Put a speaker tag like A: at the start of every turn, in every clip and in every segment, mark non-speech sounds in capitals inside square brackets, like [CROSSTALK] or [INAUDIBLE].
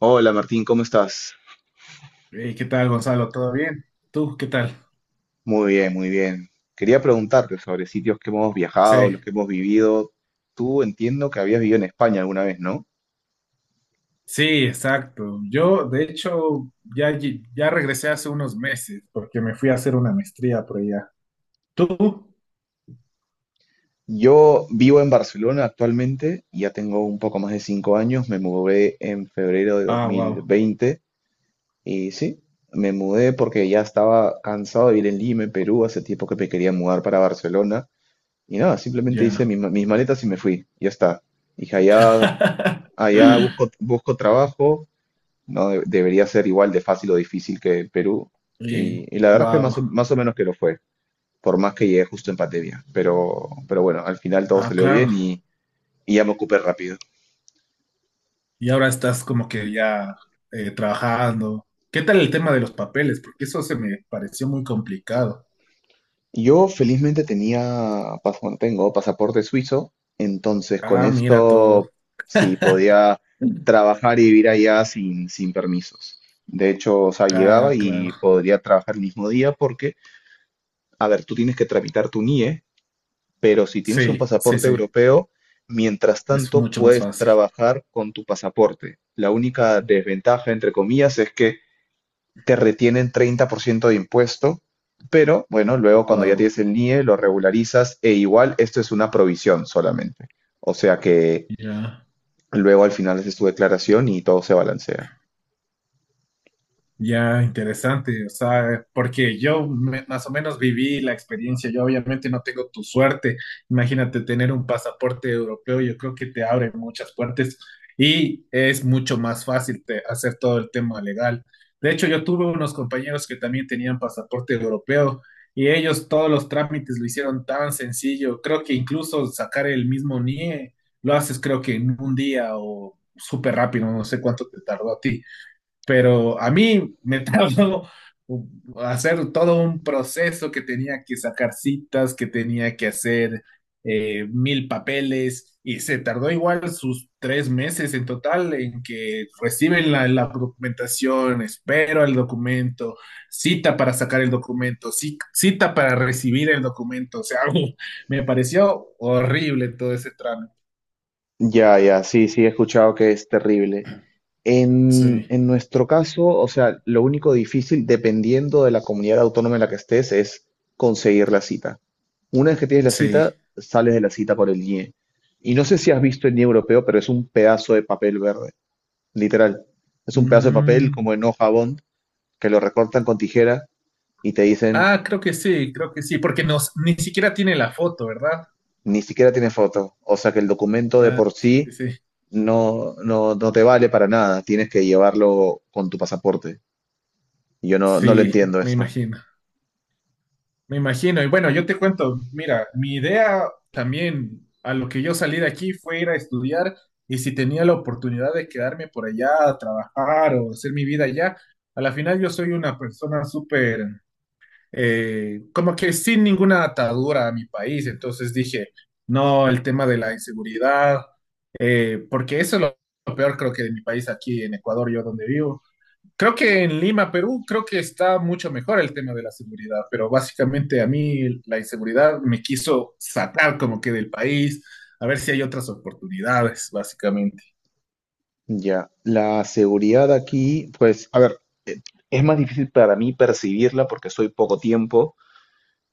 A: Hola Martín, ¿cómo estás?
B: Hey, ¿qué tal, Gonzalo? ¿Todo bien? ¿Tú qué tal?
A: Muy bien, muy bien. Quería preguntarte sobre sitios que hemos viajado, los
B: Sí,
A: que hemos vivido. Tú entiendo que habías vivido en España alguna vez, ¿no?
B: sí, exacto. Yo, de hecho, ya, ya regresé hace unos meses porque me fui a hacer una maestría por allá. ¿Tú?
A: Yo vivo en Barcelona actualmente, ya tengo un poco más de 5 años, me mudé en febrero de
B: Ah, wow,
A: 2020 y sí, me mudé porque ya estaba cansado de vivir en Lima, en Perú, hace tiempo que me quería mudar para Barcelona y nada, simplemente hice
B: ya.
A: mis maletas y me fui, ya está. Dije, allá,
B: [LAUGHS]
A: busco trabajo. No De- Debería ser igual de fácil o difícil que Perú.
B: Y,
A: Y la verdad es que
B: wow,
A: más o menos que lo fue, por más que llegué justo en pandemia. Pero bueno, al final todo
B: ah,
A: salió
B: claro.
A: bien y ya me ocupé rápido.
B: Y ahora estás como que ya trabajando. ¿Qué tal el tema de los papeles? Porque eso se me pareció muy complicado.
A: Yo felizmente bueno, tengo pasaporte suizo, entonces con
B: Ah, mira tú.
A: esto sí podía trabajar y vivir allá sin permisos. De hecho, o sea, llegaba
B: Ah, claro.
A: y podría trabajar el mismo día porque, a ver, tú tienes que tramitar tu NIE, pero si tienes un
B: Sí, sí,
A: pasaporte
B: sí.
A: europeo, mientras
B: Es
A: tanto
B: mucho más
A: puedes
B: fácil.
A: trabajar con tu pasaporte. La única desventaja, entre comillas, es que te retienen 30% de impuesto, pero bueno, luego cuando ya
B: Wow,
A: tienes el NIE lo regularizas e igual esto es una provisión solamente. O sea que
B: ya,
A: luego al final haces tu declaración y todo se balancea.
B: ya interesante, o sea, porque más o menos viví la experiencia, yo obviamente no tengo tu suerte, imagínate tener un pasaporte europeo, yo creo que te abre muchas puertas y es mucho más fácil hacer todo el tema legal. De hecho, yo tuve unos compañeros que también tenían pasaporte europeo y ellos todos los trámites lo hicieron tan sencillo, creo que incluso sacar el mismo NIE lo haces creo que en un día o súper rápido, no sé cuánto te tardó a ti. Pero a mí me [LAUGHS] tardó hacer todo un proceso que tenía que sacar citas, que tenía que hacer mil papeles y se tardó igual sus tres meses en total en que reciben la documentación, espero el documento, cita para sacar el documento, cita para recibir el documento, o sea, [LAUGHS] me pareció horrible todo ese trámite.
A: Ya, ya, sí, sí, he escuchado que es terrible.
B: Sí,
A: En nuestro caso, o sea, lo único difícil, dependiendo de la comunidad autónoma en la que estés, es conseguir la cita. Una vez que tienes la
B: sí.
A: cita, sales de la cita por el IE. Y no sé si has visto el IE europeo, pero es un pedazo de papel verde, literal. Es un pedazo de papel como en hoja bond, que lo recortan con tijera y te dicen,
B: Ah, creo que sí, porque nos, ni siquiera tiene la foto, ¿verdad?
A: ni siquiera tiene foto. O sea que el documento de
B: Ah,
A: por
B: sí,
A: sí
B: sí,
A: no te vale para nada. Tienes que llevarlo con tu pasaporte. Y yo no lo
B: sí, sí,
A: entiendo
B: me
A: esto.
B: imagino, me imagino. Y bueno, yo te cuento, mira, mi idea también a lo que yo salí de aquí fue ir a estudiar y si tenía la oportunidad de quedarme por allá a trabajar o hacer mi vida allá, a la final yo soy una persona súper como que sin ninguna atadura a mi país. Entonces dije, no, el tema de la inseguridad, porque eso es lo peor creo que de mi país aquí en Ecuador, yo donde vivo. Creo que en Lima, Perú, creo que está mucho mejor el tema de la seguridad, pero básicamente a mí la inseguridad me quiso sacar como que del país, a ver si hay otras oportunidades, básicamente.
A: Ya, la seguridad aquí, pues, a ver, eh, es más difícil para mí percibirla porque estoy poco tiempo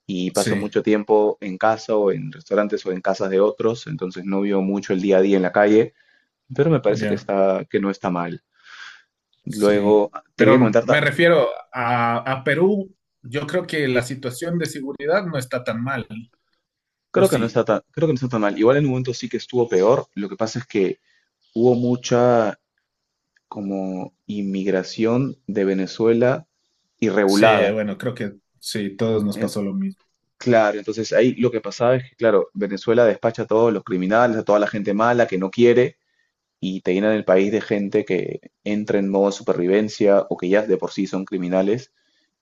A: y paso
B: Sí,
A: mucho tiempo en casa o en restaurantes o en casas de otros, entonces no veo mucho el día a día en la calle, pero me parece que
B: ya.
A: que no está mal.
B: Sí,
A: Luego, te
B: pero
A: quería
B: me refiero a Perú, yo creo que la situación de seguridad no está tan mal, ¿o
A: creo que no está
B: sí?
A: creo que no está tan mal. Igual en un momento sí que estuvo peor, lo que pasa es que hubo mucha como inmigración de Venezuela
B: Sí,
A: irregulada.
B: bueno, creo que sí, todos nos pasó lo mismo.
A: Claro, entonces ahí lo que pasaba es que, claro, Venezuela despacha a todos los criminales, a toda la gente mala que no quiere y te llenan el país de gente que entra en modo supervivencia o que ya de por sí son criminales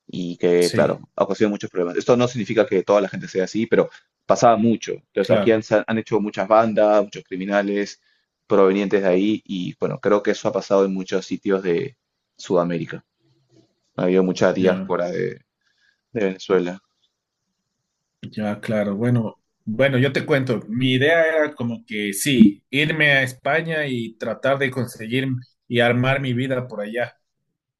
A: y que, claro,
B: Sí,
A: ocasiona muchos problemas. Esto no significa que toda la gente sea así, pero pasaba mucho. Entonces aquí
B: claro,
A: han hecho muchas bandas, muchos criminales provenientes de ahí y, bueno, creo que eso ha pasado en muchos sitios de Sudamérica. Ha habido mucha
B: ya,
A: de Venezuela.
B: ya, claro. Bueno, bueno, yo te cuento, mi idea era como que sí, irme a España y tratar de conseguir y armar mi vida por allá.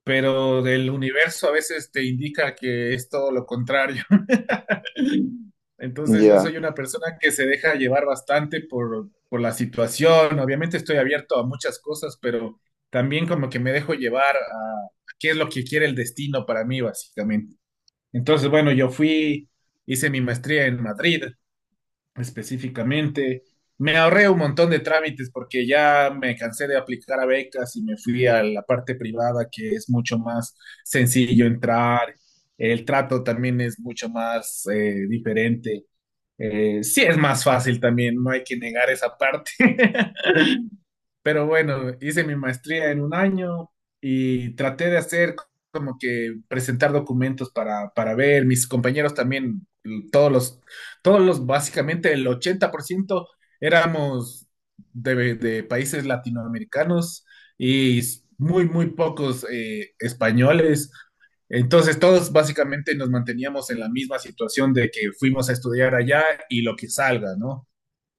B: Pero del universo a veces te indica que es todo lo contrario. [LAUGHS] Entonces yo
A: Ya.
B: soy una persona que se deja llevar bastante por la situación. Obviamente estoy abierto a muchas cosas, pero también como que me dejo llevar a qué es lo que quiere el destino para mí, básicamente. Entonces, bueno, yo fui, hice mi maestría en Madrid específicamente. Me ahorré un montón de trámites porque ya me cansé de aplicar a becas y me fui a la parte privada que es mucho más sencillo entrar. El trato también es mucho más diferente. Sí es más fácil también, no hay que negar esa parte. [LAUGHS] Pero bueno, hice mi maestría en un año y traté de hacer como que presentar documentos para ver. Mis compañeros también, todos los, todos los, básicamente el 80% éramos de países latinoamericanos y muy, muy pocos españoles. Entonces todos básicamente nos manteníamos en la misma situación de que fuimos a estudiar allá y lo que salga, ¿no?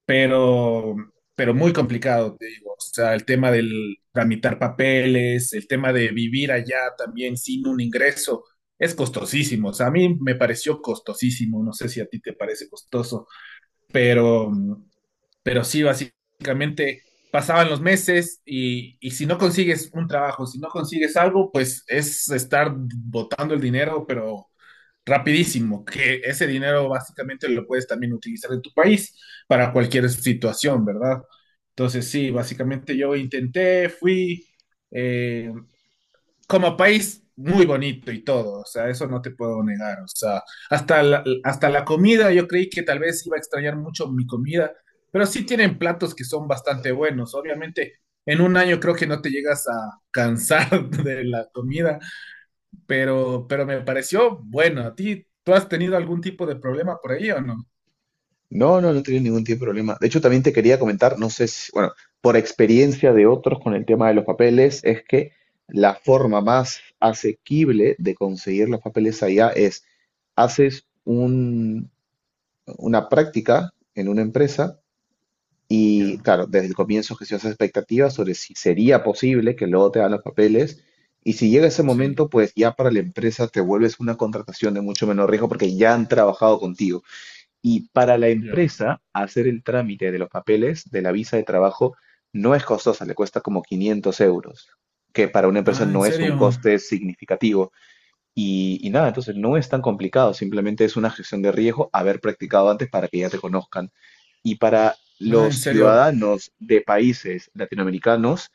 B: pero, pero muy complicado, te digo. O sea, el tema del tramitar papeles, el tema de vivir allá también sin un ingreso, es costosísimo. O sea, a mí me pareció costosísimo, no sé si a ti te parece costoso, pero, pero sí, básicamente pasaban los meses y si no consigues un trabajo, si no consigues algo, pues es estar botando el dinero, pero rapidísimo, que ese dinero básicamente lo puedes también utilizar en tu país para cualquier situación, ¿verdad? Entonces, sí, básicamente yo intenté, fui, eh, como país muy bonito y todo, o sea, eso no te puedo negar, o sea, hasta la comida, yo creí que tal vez iba a extrañar mucho mi comida, pero sí tienen platos que son bastante buenos, obviamente en un año creo que no te llegas a cansar [LAUGHS] de la comida, pero me pareció bueno. ¿A ti, tú has tenido algún tipo de problema por ahí o no?
A: No tenía ningún tipo de problema. De hecho, también te quería comentar, no sé si, bueno, por experiencia de otros con el tema de los papeles, es que la forma más asequible de conseguir los papeles allá es, haces un- una práctica en una empresa y,
B: Ya,
A: claro, desde el comienzo gestionas expectativas sobre si sería posible que luego te dan los papeles. Y si llega ese
B: sí,
A: momento, pues ya para la empresa te vuelves una contratación de mucho menor riesgo porque ya han trabajado contigo. Y para la
B: ya.
A: empresa, hacer el trámite de los papeles de la visa de trabajo no es costosa, le cuesta como 500 euros, que para una empresa
B: Ah, ¿en
A: no es un
B: serio?
A: coste significativo. Y nada, entonces no es tan complicado, simplemente es una gestión de riesgo haber practicado antes para que ya te conozcan. Y para
B: Ah,
A: los
B: ¿en serio?
A: ciudadanos de países latinoamericanos,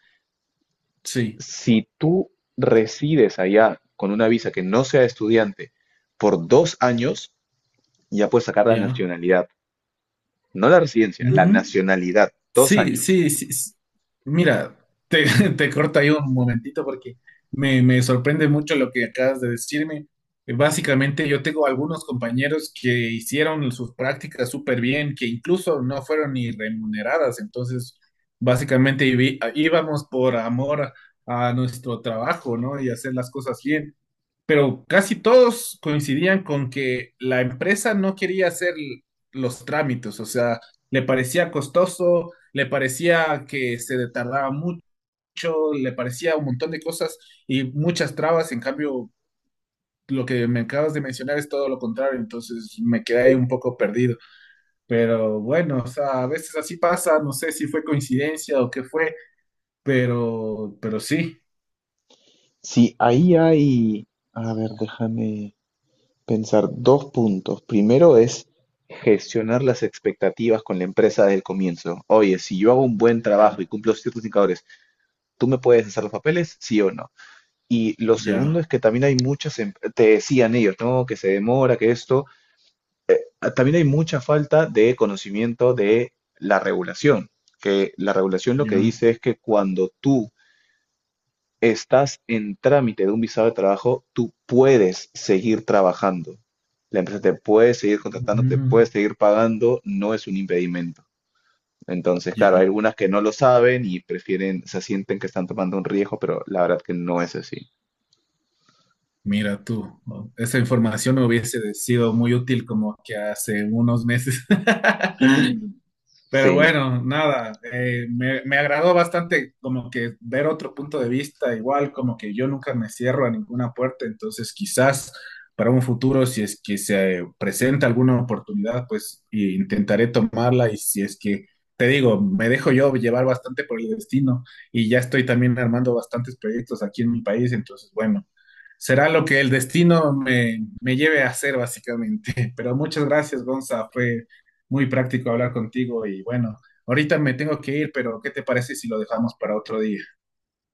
B: Sí,
A: si tú resides allá con una visa que no sea estudiante por 2 años, ya puedes sacar la
B: ya.
A: nacionalidad. No la residencia, la
B: ¿Mm?
A: nacionalidad, dos
B: Sí,
A: años.
B: sí, sí. Mira, te, [LAUGHS] te corto ahí un momentito porque me sorprende mucho lo que acabas de decirme. Básicamente, yo tengo algunos compañeros que hicieron sus prácticas súper bien, que incluso no fueron ni remuneradas. Entonces, básicamente íbamos por amor a nuestro trabajo, ¿no? Y hacer las cosas bien pero casi todos coincidían con que la empresa no quería hacer los trámites, o sea, le parecía costoso, le parecía que se tardaba mucho, le parecía un montón de cosas y muchas trabas, en cambio, lo que me acabas de mencionar es todo lo contrario, entonces me quedé ahí un poco perdido, pero bueno, o sea, a veces así pasa, no sé si fue coincidencia o qué fue, pero sí,
A: Sí, ahí hay, a ver, déjame pensar, dos puntos. Primero es gestionar las expectativas con la empresa desde el comienzo. Oye, si yo hago un buen trabajo
B: ya,
A: y cumplo ciertos indicadores, ¿tú me puedes hacer los papeles? Sí o no. Y lo segundo
B: ya,
A: es que también hay te decían ellos, ¿no? Que se demora, que esto. Ah, también hay mucha falta de conocimiento de la regulación, que la regulación lo que
B: ya,
A: dice es que cuando tú estás en trámite de un visado de trabajo, tú puedes seguir trabajando. La empresa te puede seguir contratando, te
B: ujú,
A: puede seguir pagando, no es un impedimento. Entonces, claro, hay
B: ya.
A: algunas que no lo saben y prefieren, se sienten que están tomando un riesgo, pero la verdad que no es así.
B: Mira tú, ¿no? Esa información me hubiese sido muy útil como que hace unos meses. [LAUGHS] Pero bueno, nada, me agradó bastante como que ver otro punto de vista, igual como que yo nunca me cierro a ninguna puerta, entonces quizás para un futuro, si es que se presenta alguna oportunidad, pues y intentaré tomarla y si es que, te digo, me dejo yo llevar bastante por el destino y ya estoy también armando bastantes proyectos aquí en mi país, entonces bueno, será lo que el destino me lleve a hacer básicamente. [LAUGHS] Pero muchas gracias, Gonza, fue muy práctico hablar contigo y bueno, ahorita me tengo que ir, pero ¿qué te parece si lo dejamos para otro día?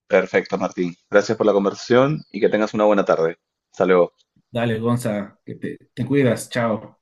A: Perfecto, Martín. Gracias por la conversación y que tengas una buena tarde. Hasta luego.
B: Dale, Gonza, que te cuidas, chao.